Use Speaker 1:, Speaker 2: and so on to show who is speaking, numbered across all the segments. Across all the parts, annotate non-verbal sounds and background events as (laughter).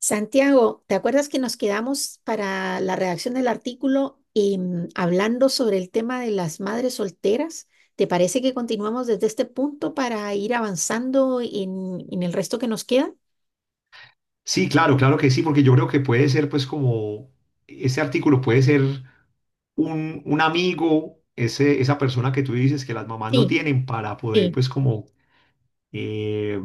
Speaker 1: Santiago, ¿te acuerdas que nos quedamos para la redacción del artículo hablando sobre el tema de las madres solteras? ¿Te parece que continuamos desde este punto para ir avanzando en el resto que nos queda?
Speaker 2: Sí, claro, claro que sí, porque yo creo que puede ser, pues, como ese artículo puede ser un amigo, ese, esa persona que tú dices que las mamás no
Speaker 1: Sí,
Speaker 2: tienen para poder,
Speaker 1: sí,
Speaker 2: pues, como, eh,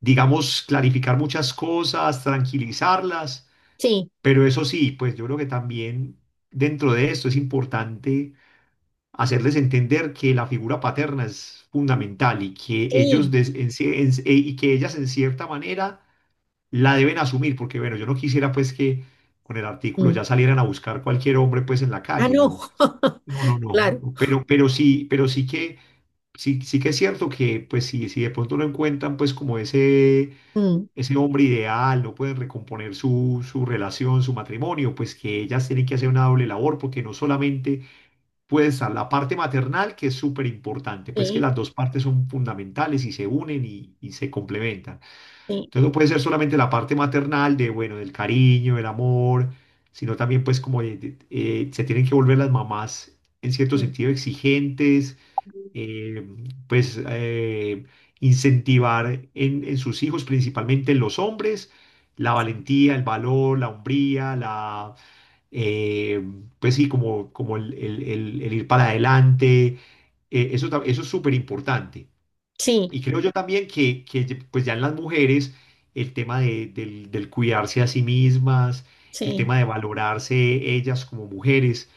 Speaker 2: digamos, clarificar muchas cosas, tranquilizarlas.
Speaker 1: sí,
Speaker 2: Pero eso sí, pues, yo creo que también dentro de esto es importante hacerles entender que la figura paterna es fundamental y que ellos,
Speaker 1: sí.
Speaker 2: des- en ci- en- y que ellas, en cierta manera, la deben asumir, porque bueno, yo no quisiera pues que con el artículo
Speaker 1: Mm.
Speaker 2: ya salieran a buscar cualquier hombre pues en la
Speaker 1: Ah,
Speaker 2: calle, no,
Speaker 1: no. (laughs)
Speaker 2: no, no, no,
Speaker 1: Claro.
Speaker 2: no, pero, sí, sí que es cierto que pues si, si de pronto no encuentran pues como ese,
Speaker 1: Mm.
Speaker 2: ese hombre ideal, no pueden recomponer su relación, su matrimonio, pues que ellas tienen que hacer una doble labor, porque no solamente puede estar la parte maternal, que es súper importante, pues que
Speaker 1: Sí,
Speaker 2: las dos partes son fundamentales y se unen y se complementan.
Speaker 1: sí,
Speaker 2: Entonces no puede ser solamente la parte maternal de, bueno, del cariño, del amor, sino también pues como se tienen que volver las mamás en cierto
Speaker 1: mm,
Speaker 2: sentido exigentes, eh, pues eh, incentivar en sus hijos, principalmente en los hombres, la valentía, el valor, la hombría, eh, pues sí, como, como el ir para adelante. Eso, eso es súper importante.
Speaker 1: sí,
Speaker 2: Y creo yo también que, pues ya en las mujeres el tema del, del cuidarse a sí mismas, el
Speaker 1: sí,
Speaker 2: tema de valorarse ellas como mujeres.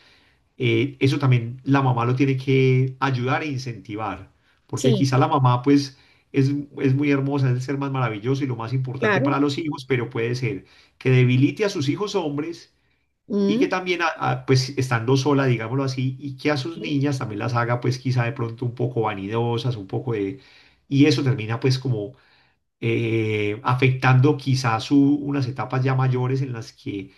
Speaker 2: Eso también la mamá lo tiene que ayudar e incentivar, porque
Speaker 1: sí,
Speaker 2: quizá la mamá pues es, es muy hermosa, es el ser más maravilloso y lo más importante para
Speaker 1: claro.
Speaker 2: los hijos, pero puede ser que debilite a sus hijos hombres y que
Speaker 1: Mm.
Speaker 2: también, pues estando sola, digámoslo así, y que a sus
Speaker 1: Sí,
Speaker 2: niñas también las haga, pues quizá de pronto un poco vanidosas, un poco de... Y eso termina pues como afectando quizá su, unas etapas ya mayores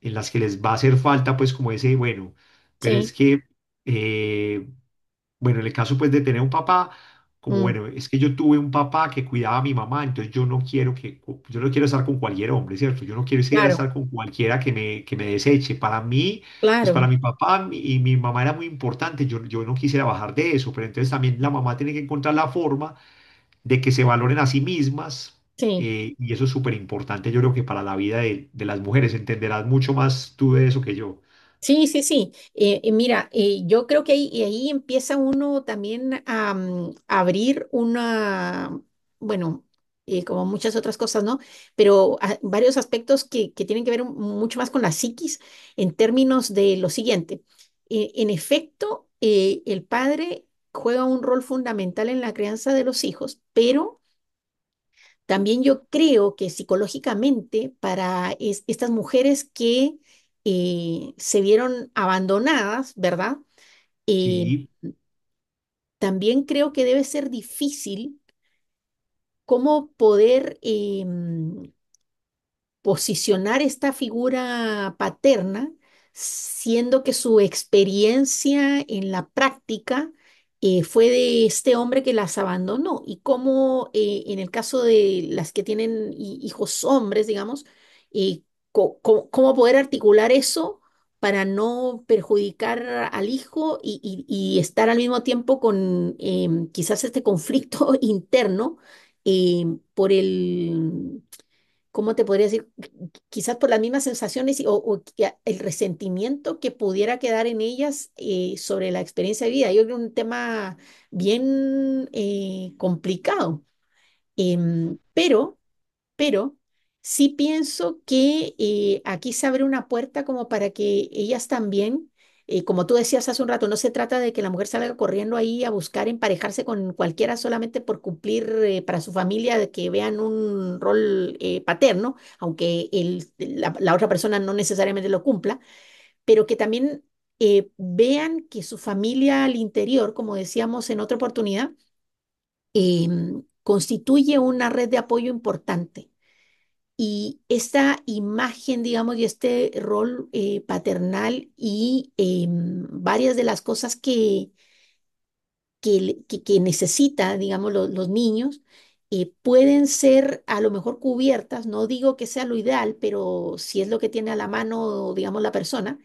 Speaker 2: en las que les va a hacer falta pues como ese, bueno, pero
Speaker 1: sí,
Speaker 2: es que eh, bueno, en el caso pues de tener un papá, como
Speaker 1: mm,
Speaker 2: bueno, es que yo tuve un papá que cuidaba a mi mamá, entonces yo no quiero que, yo no quiero estar con cualquier hombre, ¿cierto? Yo no quiero ir a
Speaker 1: claro,
Speaker 2: estar con cualquiera que me deseche. Para mí, pues
Speaker 1: claro,
Speaker 2: para mi papá y mi mamá era muy importante, yo no quisiera bajar de eso, pero entonces también la mamá tiene que encontrar la forma de que se valoren a sí mismas.
Speaker 1: sí.
Speaker 2: Y eso es súper importante, yo creo que para la vida de las mujeres, entenderás mucho más tú de eso que yo.
Speaker 1: Sí, sí, sí. Mira, yo creo que ahí, y ahí empieza uno también a abrir una, bueno, como muchas otras cosas, ¿no? Pero ah, varios aspectos que tienen que ver mucho más con la psiquis en términos de lo siguiente. En efecto, el padre juega un rol fundamental en la crianza de los hijos, pero también yo creo que psicológicamente para estas mujeres que se vieron abandonadas, ¿verdad? Eh,
Speaker 2: Sí.
Speaker 1: también creo que debe ser difícil cómo poder posicionar esta figura paterna, siendo que su experiencia en la práctica fue de este hombre que las abandonó, y cómo en el caso de las que tienen hijos hombres, digamos, eh, cómo poder articular eso para no perjudicar al hijo y estar al mismo tiempo con quizás este conflicto (laughs) interno por ¿cómo te podría decir? Quizás por las mismas sensaciones o que el resentimiento que pudiera quedar en ellas sobre la experiencia de vida. Yo creo que es un tema bien complicado. Pero pero sí pienso que aquí se abre una puerta como para que ellas también, como tú decías hace un rato, no se trata de que la mujer salga corriendo ahí a buscar emparejarse con cualquiera solamente por cumplir, para su familia, de que vean un rol paterno, aunque la otra persona no necesariamente lo cumpla, pero que también... vean que su familia al interior, como decíamos en otra oportunidad, constituye una red de apoyo importante. Y esta imagen, digamos, y este rol paternal y varias de las cosas que necesita, digamos, los niños, pueden ser a lo mejor cubiertas, no digo que sea lo ideal, pero si es lo que tiene a la mano, digamos, la persona,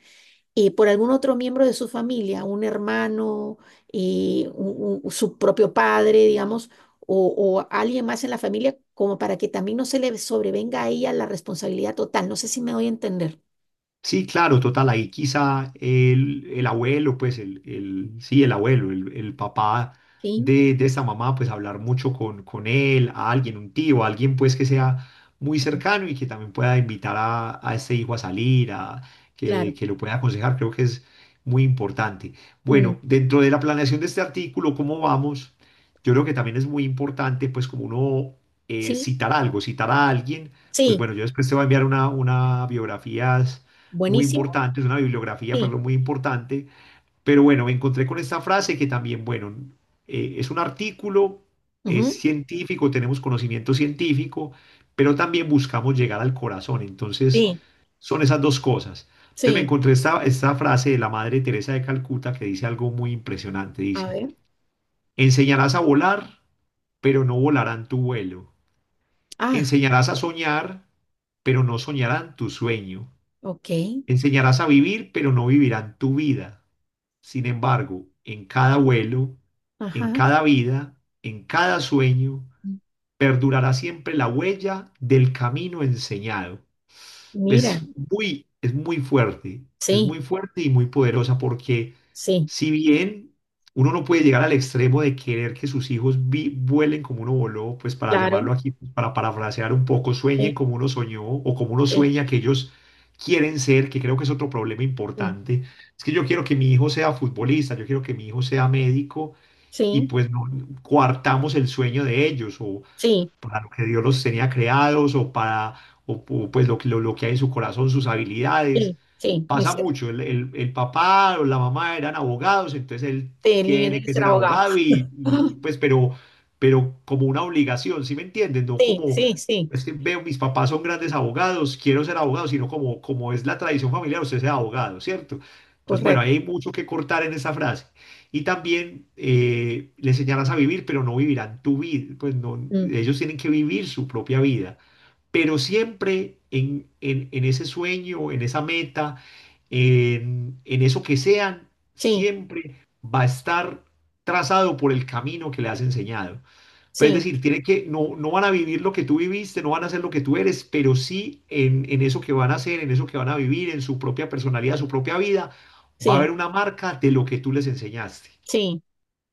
Speaker 1: por algún otro miembro de su familia, un hermano, su propio padre, digamos, o, o alguien más en la familia, como para que también no se le sobrevenga a ella la responsabilidad total. No sé si me doy a entender.
Speaker 2: Sí, claro, total, ahí quizá el abuelo, pues el, sí, el abuelo, el papá
Speaker 1: Sí.
Speaker 2: de esta mamá, pues hablar mucho con él, a alguien, un tío, alguien pues que sea muy
Speaker 1: Mm,
Speaker 2: cercano y que también pueda invitar a este hijo a salir, a,
Speaker 1: claro.
Speaker 2: que lo pueda aconsejar, creo que es muy importante.
Speaker 1: Mm.
Speaker 2: Bueno, dentro de la planeación de este artículo, ¿cómo vamos? Yo creo que también es muy importante, pues como uno
Speaker 1: Sí,
Speaker 2: citar algo, citar a alguien, pues
Speaker 1: sí,
Speaker 2: bueno, yo después te voy a enviar una biografía muy
Speaker 1: buenísimo.
Speaker 2: importante, es una bibliografía,
Speaker 1: Sí,
Speaker 2: perdón, muy importante. Pero bueno, me encontré con esta frase que también, bueno, es un artículo, es
Speaker 1: ujú.
Speaker 2: científico, tenemos conocimiento científico, pero también buscamos llegar al corazón. Entonces,
Speaker 1: Sí,
Speaker 2: son esas dos cosas. Entonces me
Speaker 1: sí.
Speaker 2: encontré esta, esta frase de la Madre Teresa de Calcuta que dice algo muy impresionante.
Speaker 1: A
Speaker 2: Dice,
Speaker 1: ver.
Speaker 2: enseñarás a volar, pero no volarán tu vuelo.
Speaker 1: Ah,
Speaker 2: Enseñarás a soñar, pero no soñarán tu sueño.
Speaker 1: ok.
Speaker 2: Enseñarás a vivir, pero no vivirán tu vida. Sin embargo, en cada vuelo, en
Speaker 1: Ajá.
Speaker 2: cada vida, en cada sueño,
Speaker 1: Mm.
Speaker 2: perdurará siempre la huella del camino enseñado. Es
Speaker 1: Mira,
Speaker 2: muy, es muy fuerte, es
Speaker 1: sí,
Speaker 2: muy fuerte y muy poderosa porque
Speaker 1: sí,
Speaker 2: si bien uno no puede llegar al extremo de querer que sus hijos vuelen como uno voló, pues para
Speaker 1: claro.
Speaker 2: llamarlo aquí, pues para parafrasear un poco, sueñen
Speaker 1: Sí,
Speaker 2: como uno soñó o como uno
Speaker 1: sí,
Speaker 2: sueña que ellos quieren ser, que creo que es otro problema
Speaker 1: mm,
Speaker 2: importante. Es que yo quiero que mi hijo sea futbolista, yo quiero que mi hijo sea médico y
Speaker 1: sí,
Speaker 2: pues no coartamos el sueño de ellos o
Speaker 1: sí,
Speaker 2: para lo que Dios los tenía creados o para o, o, pues lo, lo que hay en su corazón, sus habilidades.
Speaker 1: sí, sí, muy
Speaker 2: Pasa
Speaker 1: cierto.
Speaker 2: mucho. El, el papá o la mamá eran abogados, entonces él
Speaker 1: Sí, el niño
Speaker 2: tiene
Speaker 1: debe
Speaker 2: que
Speaker 1: ser
Speaker 2: ser
Speaker 1: abogado.
Speaker 2: abogado
Speaker 1: (laughs)
Speaker 2: y,
Speaker 1: (gasps)
Speaker 2: pues, pero como una obligación, ¿sí me entienden? No
Speaker 1: Sí,
Speaker 2: como,
Speaker 1: sí, sí,
Speaker 2: es que veo, mis papás son grandes abogados, quiero ser abogado, sino como, como es la tradición familiar, usted sea abogado, ¿cierto? Entonces, bueno, ahí
Speaker 1: correcto.
Speaker 2: hay mucho que cortar en esa frase. Y también le enseñarás a vivir, pero no vivirán tu vida. Pues no,
Speaker 1: Mm.
Speaker 2: ellos tienen que vivir su propia vida pero siempre en, en ese sueño, en esa meta, en eso que sean,
Speaker 1: Sí,
Speaker 2: siempre va a estar trazado por el camino que le has enseñado. Pues es
Speaker 1: sí,
Speaker 2: decir, tiene que, no, no van a vivir lo que tú viviste, no van a ser lo que tú eres, pero sí en eso que van a hacer, en eso que van a vivir, en su propia personalidad, su propia vida, va a
Speaker 1: sí,
Speaker 2: haber una marca de lo que tú les enseñaste.
Speaker 1: sí,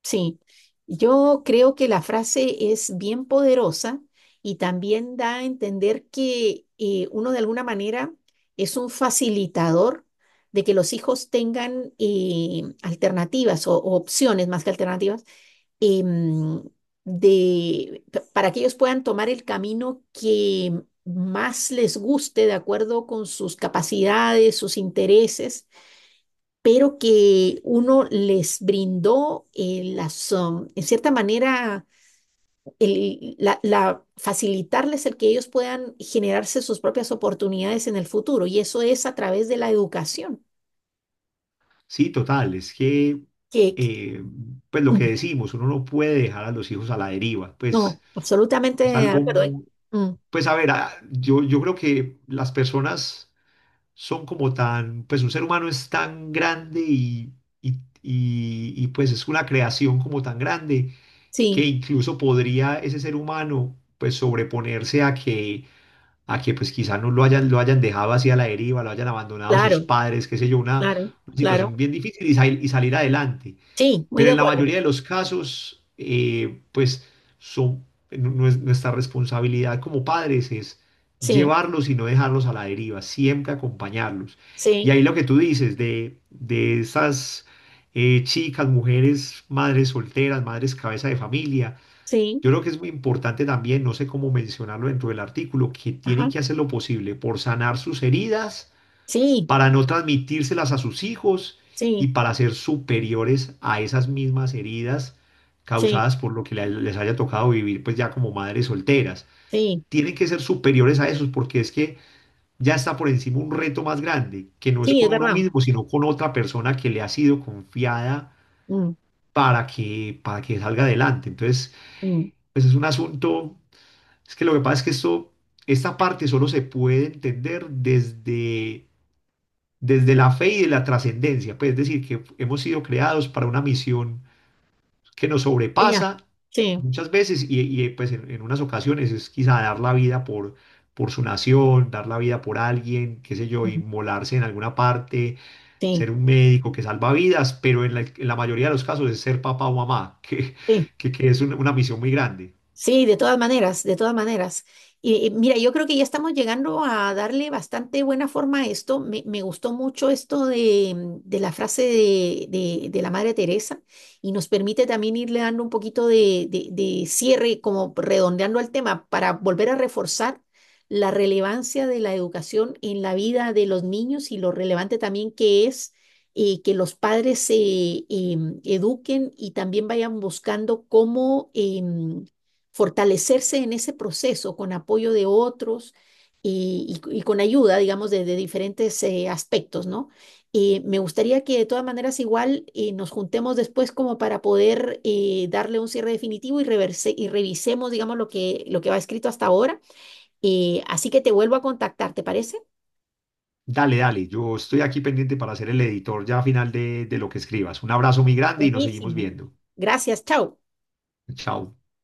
Speaker 1: sí. Yo creo que la frase es bien poderosa y también da a entender que uno de alguna manera es un facilitador de que los hijos tengan alternativas o opciones más que alternativas, em, para que ellos puedan tomar el camino que más les guste de acuerdo con sus capacidades, sus intereses, pero que uno les brindó en cierta manera, facilitarles el que ellos puedan generarse sus propias oportunidades en el futuro. Y eso es a través de la educación.
Speaker 2: Sí, total, es que,
Speaker 1: Que, que-
Speaker 2: eh, pues lo que
Speaker 1: mm,
Speaker 2: decimos, uno no puede dejar a los hijos a la deriva, pues.
Speaker 1: no, absolutamente
Speaker 2: Es
Speaker 1: de
Speaker 2: algo
Speaker 1: acuerdo.
Speaker 2: muy...
Speaker 1: Mm,
Speaker 2: Pues a ver, yo, yo creo que las personas son como tan, pues un ser humano es tan grande y, pues es una creación como tan grande que
Speaker 1: sí,
Speaker 2: incluso podría ese ser humano pues sobreponerse a que pues quizá no lo hayan, lo hayan dejado así a la deriva, lo hayan abandonado sus
Speaker 1: claro,
Speaker 2: padres, qué sé yo,
Speaker 1: claro,
Speaker 2: una situación
Speaker 1: claro.
Speaker 2: bien difícil y, y salir adelante
Speaker 1: Sí, muy
Speaker 2: pero
Speaker 1: de
Speaker 2: en la
Speaker 1: acuerdo.
Speaker 2: mayoría de los casos, pues son, nuestra responsabilidad como padres es
Speaker 1: Sí,
Speaker 2: llevarlos y no dejarlos a la deriva, siempre acompañarlos. Y
Speaker 1: sí,
Speaker 2: ahí lo que tú dices de esas chicas, mujeres, madres solteras, madres cabeza de familia,
Speaker 1: sí,
Speaker 2: yo creo que es muy importante también, no sé cómo mencionarlo dentro del artículo, que tienen
Speaker 1: ajá,
Speaker 2: que hacer lo posible por sanar sus heridas
Speaker 1: sí,
Speaker 2: para no transmitírselas a sus hijos y
Speaker 1: sí,
Speaker 2: para ser superiores a esas mismas heridas
Speaker 1: sí,
Speaker 2: causadas por lo que les haya tocado vivir, pues ya como madres solteras.
Speaker 1: sí,
Speaker 2: Tienen que ser superiores a esos porque es que ya está por encima un reto más grande, que no es
Speaker 1: sí, es
Speaker 2: con uno
Speaker 1: verdad.
Speaker 2: mismo, sino con otra persona que le ha sido confiada
Speaker 1: Mm,
Speaker 2: para que salga adelante. Entonces,
Speaker 1: mm.
Speaker 2: pues es un asunto, es que lo que pasa es que esto, esta parte solo se puede entender desde desde la fe y de la trascendencia, pues es decir, que hemos sido creados para una misión que nos
Speaker 1: Ya,
Speaker 2: sobrepasa
Speaker 1: sí,
Speaker 2: muchas veces y, pues en unas ocasiones es quizá dar la vida por su nación, dar la vida por alguien, qué sé yo,
Speaker 1: mm,
Speaker 2: inmolarse en alguna parte,
Speaker 1: sí,
Speaker 2: ser un médico que salva vidas, pero en la mayoría de los casos es ser papá o mamá, (laughs)
Speaker 1: sí.
Speaker 2: que es una misión muy grande.
Speaker 1: Sí, de todas maneras, de todas maneras. Y mira, yo creo que ya estamos llegando a darle bastante buena forma a esto. Me gustó mucho esto de la frase de la Madre Teresa, y nos permite también irle dando un poquito de cierre, como redondeando el tema, para volver a reforzar la relevancia de la educación en la vida de los niños, y lo relevante también que es que los padres se eduquen y también vayan buscando cómo... fortalecerse en ese proceso con apoyo de otros y con ayuda, digamos, de diferentes aspectos, ¿no? Y me gustaría que de todas maneras igual nos juntemos después como para poder darle un cierre definitivo y, reverse, y revisemos, digamos, lo que va escrito hasta ahora. Así que te vuelvo a contactar, ¿te parece?
Speaker 2: Dale, dale, yo estoy aquí pendiente para ser el editor ya a final de lo que escribas. Un abrazo muy grande y nos seguimos
Speaker 1: Buenísimo.
Speaker 2: viendo.
Speaker 1: Gracias, chao.
Speaker 2: Chao.